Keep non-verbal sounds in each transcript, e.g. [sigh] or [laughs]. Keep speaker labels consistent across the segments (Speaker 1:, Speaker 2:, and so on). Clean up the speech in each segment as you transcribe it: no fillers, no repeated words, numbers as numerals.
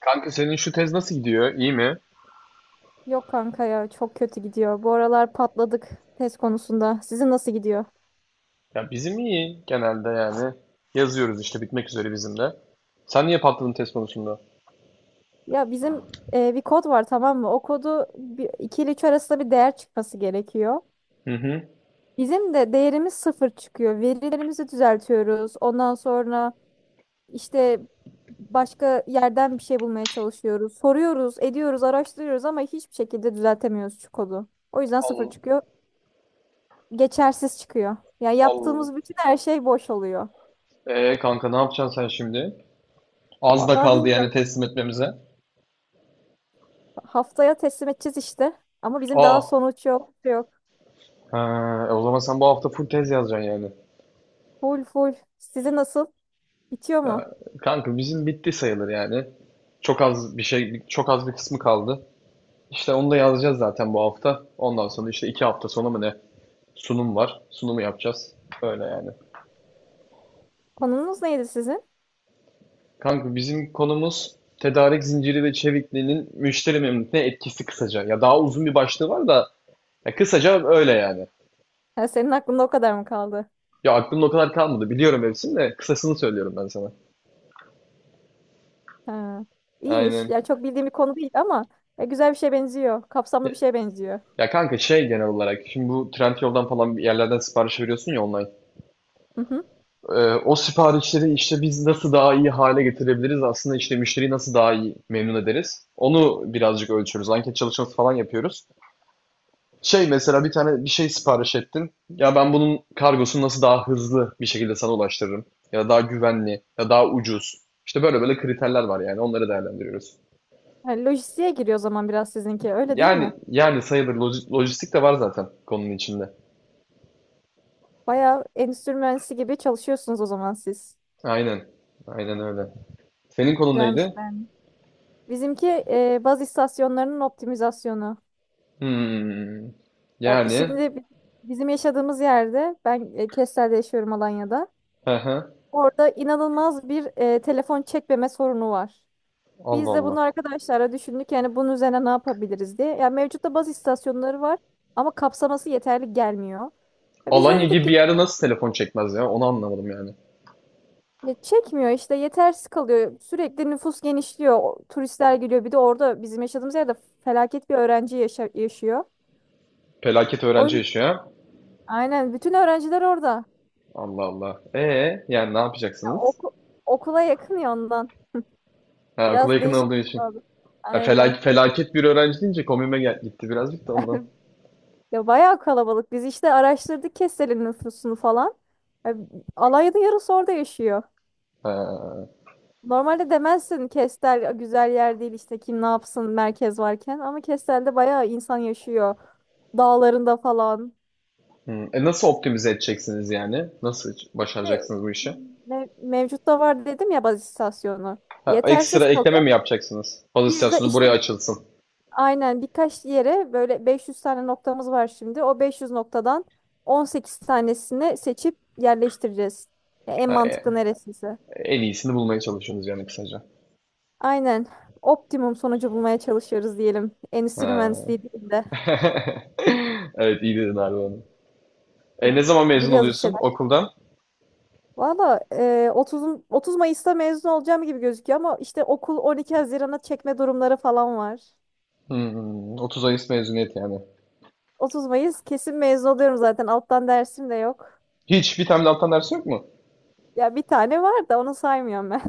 Speaker 1: Kanka senin şu tez nasıl gidiyor? İyi mi?
Speaker 2: Yok kanka ya çok kötü gidiyor. Bu aralar patladık test konusunda. Sizin nasıl gidiyor?
Speaker 1: Ya bizim iyi genelde yani. Yazıyoruz işte bitmek üzere bizim de. Sen niye patladın tez konusunda?
Speaker 2: Ya bizim bir kod var, tamam mı? O kodu bir, 2 ile 3 arasında bir değer çıkması gerekiyor.
Speaker 1: Hı hı.
Speaker 2: Bizim de değerimiz sıfır çıkıyor. Verilerimizi düzeltiyoruz. Ondan sonra işte başka yerden bir şey bulmaya çalışıyoruz. Soruyoruz, ediyoruz, araştırıyoruz ama hiçbir şekilde düzeltemiyoruz şu kodu. O yüzden
Speaker 1: Al,
Speaker 2: sıfır çıkıyor. Geçersiz çıkıyor. Ya
Speaker 1: al.
Speaker 2: yaptığımız bütün her şey boş oluyor.
Speaker 1: Kanka ne yapacaksın sen şimdi? Az da
Speaker 2: Vallahi
Speaker 1: kaldı yani
Speaker 2: bilmiyorum.
Speaker 1: teslim etmemize.
Speaker 2: Haftaya teslim edeceğiz işte. Ama bizim daha
Speaker 1: Aa.
Speaker 2: sonuç yok. Yok.
Speaker 1: Ha, e o zaman sen bu hafta full tez yazacaksın yani.
Speaker 2: Full full. Sizin nasıl? Bitiyor
Speaker 1: Ya,
Speaker 2: mu?
Speaker 1: kanka bizim bitti sayılır yani. Çok az bir şey, çok az bir kısmı kaldı. İşte onu da yazacağız zaten bu hafta. Ondan sonra işte 2 hafta sonra mı ne? Sunum var. Sunumu yapacağız. Öyle yani.
Speaker 2: Konunuz neydi sizin?
Speaker 1: Kanka bizim konumuz tedarik zinciri ve çevikliğinin müşteri memnuniyetine etkisi kısaca. Ya daha uzun bir başlığı var da ya kısaca öyle yani.
Speaker 2: Ha, senin aklında o kadar mı kaldı?
Speaker 1: Ya aklımda o kadar kalmadı. Biliyorum hepsini de kısasını söylüyorum ben sana.
Speaker 2: Ha. İyiymiş.
Speaker 1: Aynen.
Speaker 2: Yani çok bildiğim bir konu değil ama güzel bir şeye benziyor. Kapsamlı
Speaker 1: Ya,
Speaker 2: bir şeye benziyor.
Speaker 1: ya kanka şey genel olarak şimdi bu Trendyol'dan falan bir yerlerden sipariş veriyorsun ya online.
Speaker 2: Hı hı.
Speaker 1: Ee, o siparişleri işte biz nasıl daha iyi hale getirebiliriz? Aslında işte müşteriyi nasıl daha iyi memnun ederiz? Onu birazcık ölçüyoruz. Anket çalışması falan yapıyoruz. Şey mesela bir tane bir şey sipariş ettin. Ya ben bunun kargosunu nasıl daha hızlı bir şekilde sana ulaştırırım? Ya daha güvenli, ya daha ucuz. İşte böyle böyle kriterler var yani onları değerlendiriyoruz.
Speaker 2: Yani lojistiğe giriyor o zaman biraz sizinki. Öyle değil
Speaker 1: Yani
Speaker 2: mi?
Speaker 1: yani sayılır, lojistik de var zaten konunun içinde.
Speaker 2: Bayağı endüstri mühendisi gibi çalışıyorsunuz o zaman siz.
Speaker 1: Aynen. Aynen öyle. Senin konun
Speaker 2: Güzelmiş
Speaker 1: neydi?
Speaker 2: ben. Bizimki baz istasyonlarının optimizasyonu.
Speaker 1: Hmm.
Speaker 2: Ya
Speaker 1: Yani
Speaker 2: şimdi bizim yaşadığımız yerde ben Kestel'de yaşıyorum Alanya'da.
Speaker 1: hı hı.
Speaker 2: Orada inanılmaz bir telefon çekmeme sorunu var.
Speaker 1: Allah
Speaker 2: Biz de
Speaker 1: Allah.
Speaker 2: bunu arkadaşlara düşündük yani bunun üzerine ne yapabiliriz diye. Yani mevcutta baz istasyonları var ama kapsaması yeterli gelmiyor. Ya biz de
Speaker 1: Alanya
Speaker 2: dedik
Speaker 1: gibi bir
Speaker 2: ki,
Speaker 1: yerde nasıl telefon çekmez ya? Onu anlamadım yani.
Speaker 2: "Ya çekmiyor işte yetersiz kalıyor. Sürekli nüfus genişliyor. Turistler geliyor. Bir de orada bizim yaşadığımız yerde felaket bir öğrenci yaşıyor.
Speaker 1: Felaket
Speaker 2: O
Speaker 1: öğrenci
Speaker 2: yüzden-
Speaker 1: yaşıyor.
Speaker 2: aynen bütün öğrenciler orada.
Speaker 1: Allah Allah. E yani ne
Speaker 2: Ya
Speaker 1: yapacaksınız?
Speaker 2: okula yakın ya ondan.
Speaker 1: Ha,
Speaker 2: Biraz
Speaker 1: okula yakın
Speaker 2: değişik
Speaker 1: olduğu
Speaker 2: bir
Speaker 1: için.
Speaker 2: şey oldu.
Speaker 1: Ya
Speaker 2: Aynen.
Speaker 1: felaket bir öğrenci deyince komiğime gitti birazcık da ondan.
Speaker 2: Ya bayağı kalabalık. Biz işte araştırdık Kestel'in nüfusunu falan. Ya, Alanya'da yarısı orada yaşıyor.
Speaker 1: Ha,
Speaker 2: Normalde demezsin, Kestel güzel yer değil işte kim ne yapsın merkez varken. Ama Kestel'de bayağı insan yaşıyor. Dağlarında falan.
Speaker 1: hmm. E nasıl optimize edeceksiniz yani? Nasıl
Speaker 2: İşte
Speaker 1: başaracaksınız bu işi?
Speaker 2: mevcut var dedim ya baz istasyonu.
Speaker 1: Ha,
Speaker 2: Yetersiz
Speaker 1: ekstra ekleme
Speaker 2: kalıyor.
Speaker 1: mi yapacaksınız?
Speaker 2: Biz de
Speaker 1: Pozisyonu buraya
Speaker 2: işte
Speaker 1: açılsın.
Speaker 2: aynen birkaç yere böyle 500 tane noktamız var şimdi. O 500 noktadan 18 tanesini seçip yerleştireceğiz. Ya en
Speaker 1: Ha,
Speaker 2: mantıklı neresiyse.
Speaker 1: en iyisini bulmaya çalışıyorsunuz yani kısaca.
Speaker 2: Aynen. Optimum sonucu bulmaya çalışıyoruz diyelim. Endüstri
Speaker 1: Ha.
Speaker 2: mühendisliği değil de.
Speaker 1: [laughs] Evet iyi dedin abi onu. E ne zaman mezun
Speaker 2: Biliyoruz bir
Speaker 1: oluyorsun
Speaker 2: şeyler.
Speaker 1: okuldan?
Speaker 2: Valla 30 Mayıs'ta mezun olacağım gibi gözüküyor ama işte okul 12 Haziran'a çekme durumları falan var.
Speaker 1: Hmm, 30 Mayıs mezuniyet yani.
Speaker 2: 30 Mayıs kesin mezun oluyorum zaten. Alttan dersim de yok.
Speaker 1: Hiç bir tane de alttan ders yok mu?
Speaker 2: Ya bir tane var da onu saymıyorum ben.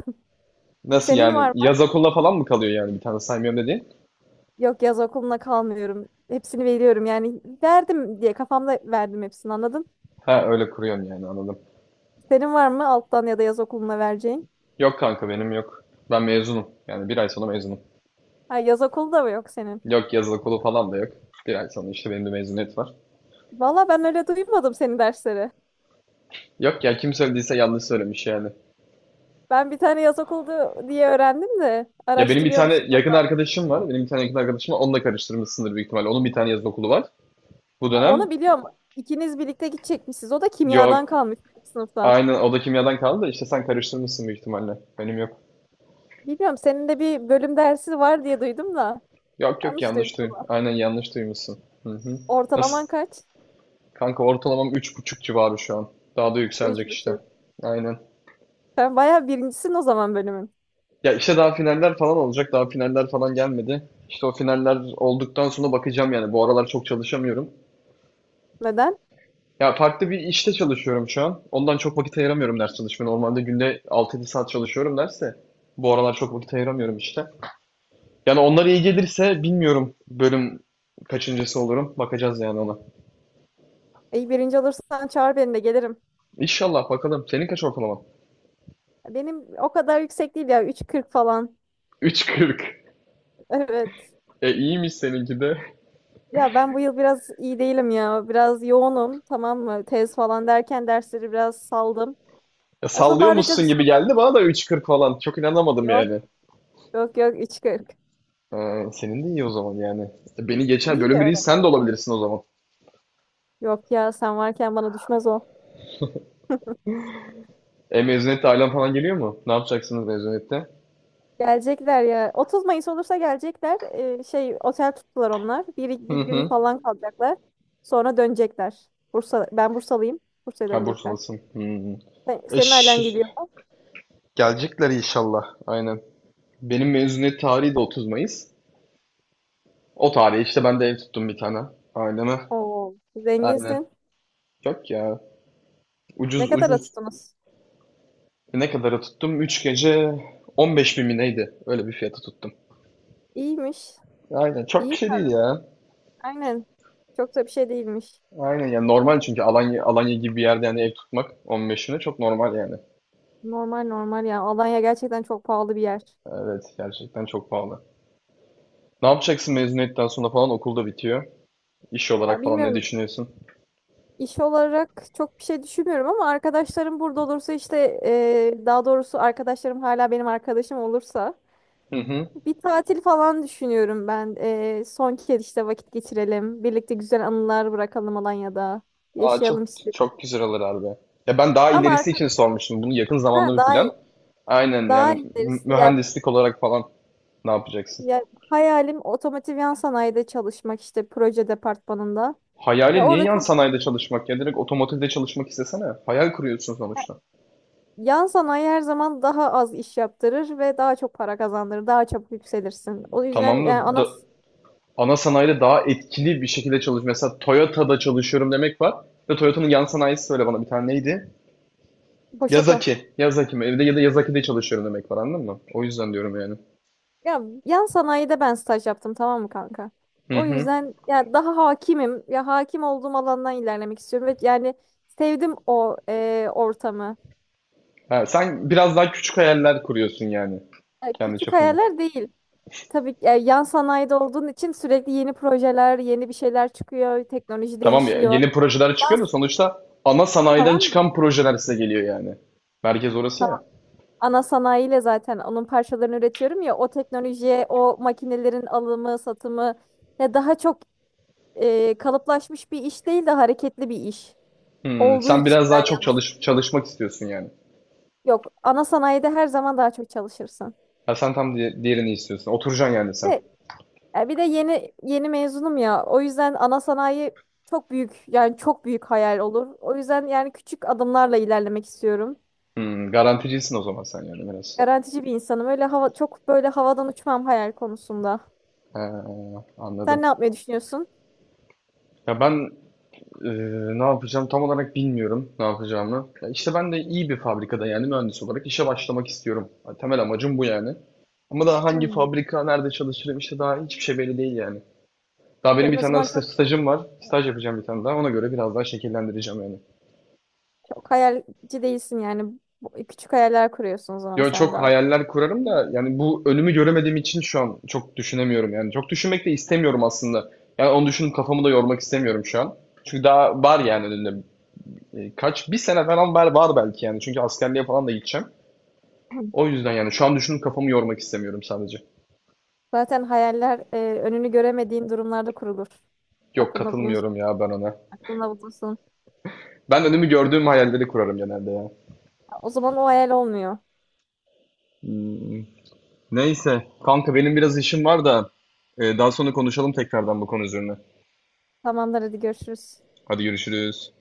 Speaker 2: [laughs]
Speaker 1: Nasıl
Speaker 2: Senin var
Speaker 1: yani?
Speaker 2: mı?
Speaker 1: Yaz okulla falan mı kalıyor yani bir tane saymıyorum dediğin?
Speaker 2: Yok, yaz okuluna kalmıyorum. Hepsini veriyorum yani verdim diye kafamda verdim hepsini, anladın?
Speaker 1: Ha öyle kuruyorsun yani anladım.
Speaker 2: Senin var mı alttan ya da yaz okuluna vereceğin?
Speaker 1: Yok kanka benim yok. Ben mezunum. Yani bir ay sonra mezunum.
Speaker 2: Ha, yaz okulu da mı yok senin?
Speaker 1: Yok yaz okulu falan da yok. Bir ay sonra işte benim de mezuniyet var.
Speaker 2: Valla ben öyle duymadım senin dersleri.
Speaker 1: Yok ya kim söylediyse yanlış söylemiş yani.
Speaker 2: Ben bir tane yaz okuldu diye öğrendim de
Speaker 1: Ya benim bir tane
Speaker 2: araştırıyormuş.
Speaker 1: yakın arkadaşım var. Benim bir tane yakın arkadaşım var. Onunla karıştırmışsındır büyük ihtimalle. Onun bir tane yaz okulu var. Bu
Speaker 2: Ha,
Speaker 1: dönem
Speaker 2: onu biliyorum. İkiniz birlikte gidecekmişsiniz. O da kimyadan
Speaker 1: yok.
Speaker 2: kalmış bir sınıftan.
Speaker 1: Aynı o da kimyadan kaldı da işte sen karıştırmışsın büyük ihtimalle. Benim yok.
Speaker 2: Bilmiyorum senin de bir bölüm dersi var diye duydum da.
Speaker 1: Yok yok
Speaker 2: Yanlış duydum
Speaker 1: yanlış duy.
Speaker 2: ama.
Speaker 1: Aynen yanlış duymuşsun. Hı hı. Nasıl?
Speaker 2: Ortalaman kaç?
Speaker 1: Kanka ortalamam 3.5 civarı şu an. Daha da
Speaker 2: Üç
Speaker 1: yükselecek işte.
Speaker 2: buçuk.
Speaker 1: Aynen.
Speaker 2: Sen bayağı birincisin o zaman bölümün.
Speaker 1: Ya işte daha finaller falan olacak. Daha finaller falan gelmedi. İşte o finaller olduktan sonra bakacağım yani. Bu aralar çok çalışamıyorum.
Speaker 2: Neden?
Speaker 1: Ya farklı bir işte çalışıyorum şu an. Ondan çok vakit ayıramıyorum ders çalışmaya. Normalde günde 6-7 saat çalışıyorum derse. Bu aralar çok vakit ayıramıyorum işte. Yani onlara iyi gelirse bilmiyorum bölüm kaçıncısı olurum. Bakacağız yani ona.
Speaker 2: İyi, birinci olursan çağır beni de gelirim.
Speaker 1: İnşallah bakalım. Senin kaç ortalaman? [laughs]
Speaker 2: Benim o kadar yüksek değil ya. 3,40 falan.
Speaker 1: 3.40.
Speaker 2: [laughs] Evet.
Speaker 1: E iyiymiş seninki de.
Speaker 2: Ya ben bu yıl biraz iyi değilim ya. Biraz yoğunum, tamam mı? Tez falan derken dersleri biraz saldım.
Speaker 1: Ya
Speaker 2: Ya
Speaker 1: sallıyor
Speaker 2: toparlayacağız
Speaker 1: musun gibi
Speaker 2: inşallah.
Speaker 1: geldi bana da 3.40 falan. Çok inanamadım
Speaker 2: Yok
Speaker 1: yani.
Speaker 2: yok yok 3,40.
Speaker 1: Ha, senin de iyi o zaman yani. İşte beni geçer,
Speaker 2: İyi bir
Speaker 1: bölüm birincisi
Speaker 2: ara.
Speaker 1: sen de olabilirsin o zaman.
Speaker 2: Yok ya, sen varken bana düşmez o.
Speaker 1: E mezuniyette ailen falan geliyor mu? Ne yapacaksınız mezuniyette?
Speaker 2: Gelecekler ya. 30 Mayıs olursa gelecekler. Şey otel tuttular onlar. Bir,
Speaker 1: Hı
Speaker 2: bir gün
Speaker 1: hı.
Speaker 2: falan kalacaklar. Sonra dönecekler. Bursa, ben Bursalıyım. Bursa'ya
Speaker 1: Ha
Speaker 2: dönecekler.
Speaker 1: Bursalısın. Hı hı. E,
Speaker 2: Senin ailen
Speaker 1: şş,
Speaker 2: geliyor mu?
Speaker 1: gelecekler inşallah. Aynen. Benim mezuniyet tarihi de 30 Mayıs. O tarihe işte ben de ev tuttum bir tane. Aileme.
Speaker 2: Oo,
Speaker 1: Aynen.
Speaker 2: zenginsin.
Speaker 1: Yok ya.
Speaker 2: Ne
Speaker 1: Ucuz
Speaker 2: kadar
Speaker 1: ucuz.
Speaker 2: tuttunuz?
Speaker 1: Ne kadara tuttum? 3 gece 15 bin mi neydi? Öyle bir fiyata tuttum.
Speaker 2: İyiymiş.
Speaker 1: Aynen. Çok bir
Speaker 2: İyi.
Speaker 1: şey değil ya.
Speaker 2: Aynen. Çok da bir şey değilmiş.
Speaker 1: Aynen yani normal çünkü Alanya Alanya gibi bir yerde yani ev tutmak 15'ine çok normal yani.
Speaker 2: Normal normal ya. Alanya gerçekten çok pahalı bir yer.
Speaker 1: Evet gerçekten çok pahalı. Ne yapacaksın mezuniyetten sonra falan okulda bitiyor. İş
Speaker 2: Ya
Speaker 1: olarak falan ne
Speaker 2: bilmiyorum,
Speaker 1: düşünüyorsun?
Speaker 2: iş olarak çok bir şey düşünmüyorum ama arkadaşlarım burada olursa işte daha doğrusu arkadaşlarım hala benim arkadaşım olursa
Speaker 1: Hı hı.
Speaker 2: bir tatil falan düşünüyorum ben. Son kez işte vakit geçirelim. Birlikte güzel anılar bırakalım Alanya'da.
Speaker 1: Aa çok
Speaker 2: Yaşayalım istiyorum.
Speaker 1: çok güzel olur abi. Ya ben daha
Speaker 2: Ama
Speaker 1: ilerisi için sormuştum. Bunu yakın
Speaker 2: ha,
Speaker 1: zamanlı bir
Speaker 2: daha
Speaker 1: plan.
Speaker 2: iyi.
Speaker 1: Aynen
Speaker 2: Daha
Speaker 1: yani
Speaker 2: iyi derisi ya,
Speaker 1: mühendislik olarak falan ne yapacaksın?
Speaker 2: ya hayalim otomotiv yan sanayide çalışmak işte proje departmanında.
Speaker 1: Hayali
Speaker 2: Ya
Speaker 1: niye
Speaker 2: orada
Speaker 1: yan
Speaker 2: çalışmak.
Speaker 1: sanayide çalışmak, ya direkt otomotivde çalışmak istesene. Hayal kuruyorsun sonuçta.
Speaker 2: Yan sanayi her zaman daha az iş yaptırır ve daha çok para kazandırır. Daha çabuk yükselirsin. O yüzden
Speaker 1: Tamam
Speaker 2: yani
Speaker 1: da, ana sanayide daha etkili bir şekilde çalış. Mesela Toyota'da çalışıyorum demek var. Ve Toyota'nın yan sanayisi söyle bana bir tane neydi?
Speaker 2: Boşoku.
Speaker 1: Yazaki. Yazaki mi? Evde ya da Yazaki'de çalışıyorum demek var anladın mı? O yüzden diyorum yani.
Speaker 2: Ya yan sanayide ben staj yaptım, tamam mı kanka?
Speaker 1: Hı
Speaker 2: O
Speaker 1: hı.
Speaker 2: yüzden ya daha hakimim. Ya hakim olduğum alandan ilerlemek istiyorum ve yani sevdim o ortamı.
Speaker 1: Ha, sen biraz daha küçük hayaller kuruyorsun yani
Speaker 2: Ya
Speaker 1: kendi
Speaker 2: küçük
Speaker 1: çapında.
Speaker 2: hayaller değil. Tabii ki, yan sanayide olduğun için sürekli yeni projeler, yeni bir şeyler çıkıyor, teknoloji
Speaker 1: Tamam ya
Speaker 2: değişiyor.
Speaker 1: yeni projeler
Speaker 2: Yan,
Speaker 1: çıkıyor da sonuçta ana sanayiden
Speaker 2: tamam mı?
Speaker 1: çıkan projeler size geliyor yani. Merkez orası ya.
Speaker 2: Ana sanayiyle zaten onun parçalarını üretiyorum ya, o teknolojiye, o makinelerin alımı, satımı, ya daha çok kalıplaşmış bir iş değil de hareketli bir iş
Speaker 1: Hmm,
Speaker 2: olduğu
Speaker 1: sen
Speaker 2: için
Speaker 1: biraz daha
Speaker 2: ben
Speaker 1: çok
Speaker 2: yalnız.
Speaker 1: çalış çalışmak istiyorsun yani.
Speaker 2: Yok, ana sanayide her zaman daha çok çalışırsın.
Speaker 1: Ha, sen tam diğerini istiyorsun. Oturacaksın yani sen.
Speaker 2: Ve, bir de yeni yeni mezunum ya. O yüzden ana sanayi çok büyük yani çok büyük hayal olur. O yüzden yani küçük adımlarla ilerlemek istiyorum.
Speaker 1: Hmm, garanticisin o zaman sen yani biraz.
Speaker 2: Garantici bir insanım. Öyle hava çok böyle havadan uçmam hayal konusunda.
Speaker 1: Ee,
Speaker 2: Sen
Speaker 1: anladım.
Speaker 2: ne yapmayı düşünüyorsun?
Speaker 1: Ya ben e, ne yapacağım tam olarak bilmiyorum ne yapacağımı. Ya işte ben de iyi bir fabrikada yani mühendis olarak işe başlamak istiyorum. Ya temel amacım bu yani. Ama daha hangi
Speaker 2: Hmm.
Speaker 1: fabrika, nerede çalışırım işte daha hiçbir şey belli değil yani. Daha benim
Speaker 2: Ben
Speaker 1: bir
Speaker 2: o
Speaker 1: tane daha
Speaker 2: zaman çok
Speaker 1: stajım var. Staj yapacağım bir tane daha. Ona göre biraz daha şekillendireceğim yani.
Speaker 2: Çok hayalci değilsin yani. Küçük hayaller kuruyorsun o zaman
Speaker 1: Yo
Speaker 2: sen
Speaker 1: çok
Speaker 2: daha.
Speaker 1: hayaller kurarım da yani bu önümü göremediğim için şu an çok düşünemiyorum yani. Çok düşünmek de istemiyorum aslında. Yani onu düşünüp kafamı da yormak istemiyorum şu an. Çünkü daha var yani önünde. E, kaç bir sene falan var, var belki yani. Çünkü askerliğe falan da gideceğim.
Speaker 2: Hı.
Speaker 1: O yüzden yani şu an düşünüp kafamı yormak istemiyorum sadece.
Speaker 2: Zaten hayaller önünü göremediğin durumlarda kurulur.
Speaker 1: Yok
Speaker 2: Aklında
Speaker 1: katılmıyorum
Speaker 2: bulunsun,
Speaker 1: ya ben ona.
Speaker 2: aklında bulunsun.
Speaker 1: Ben önümü gördüğüm hayalleri kurarım genelde ya.
Speaker 2: O zaman o hayal olmuyor.
Speaker 1: Hmm, neyse. Kanka benim biraz işim var da daha sonra konuşalım tekrardan bu konu üzerine.
Speaker 2: Tamamdır, hadi görüşürüz.
Speaker 1: Hadi görüşürüz.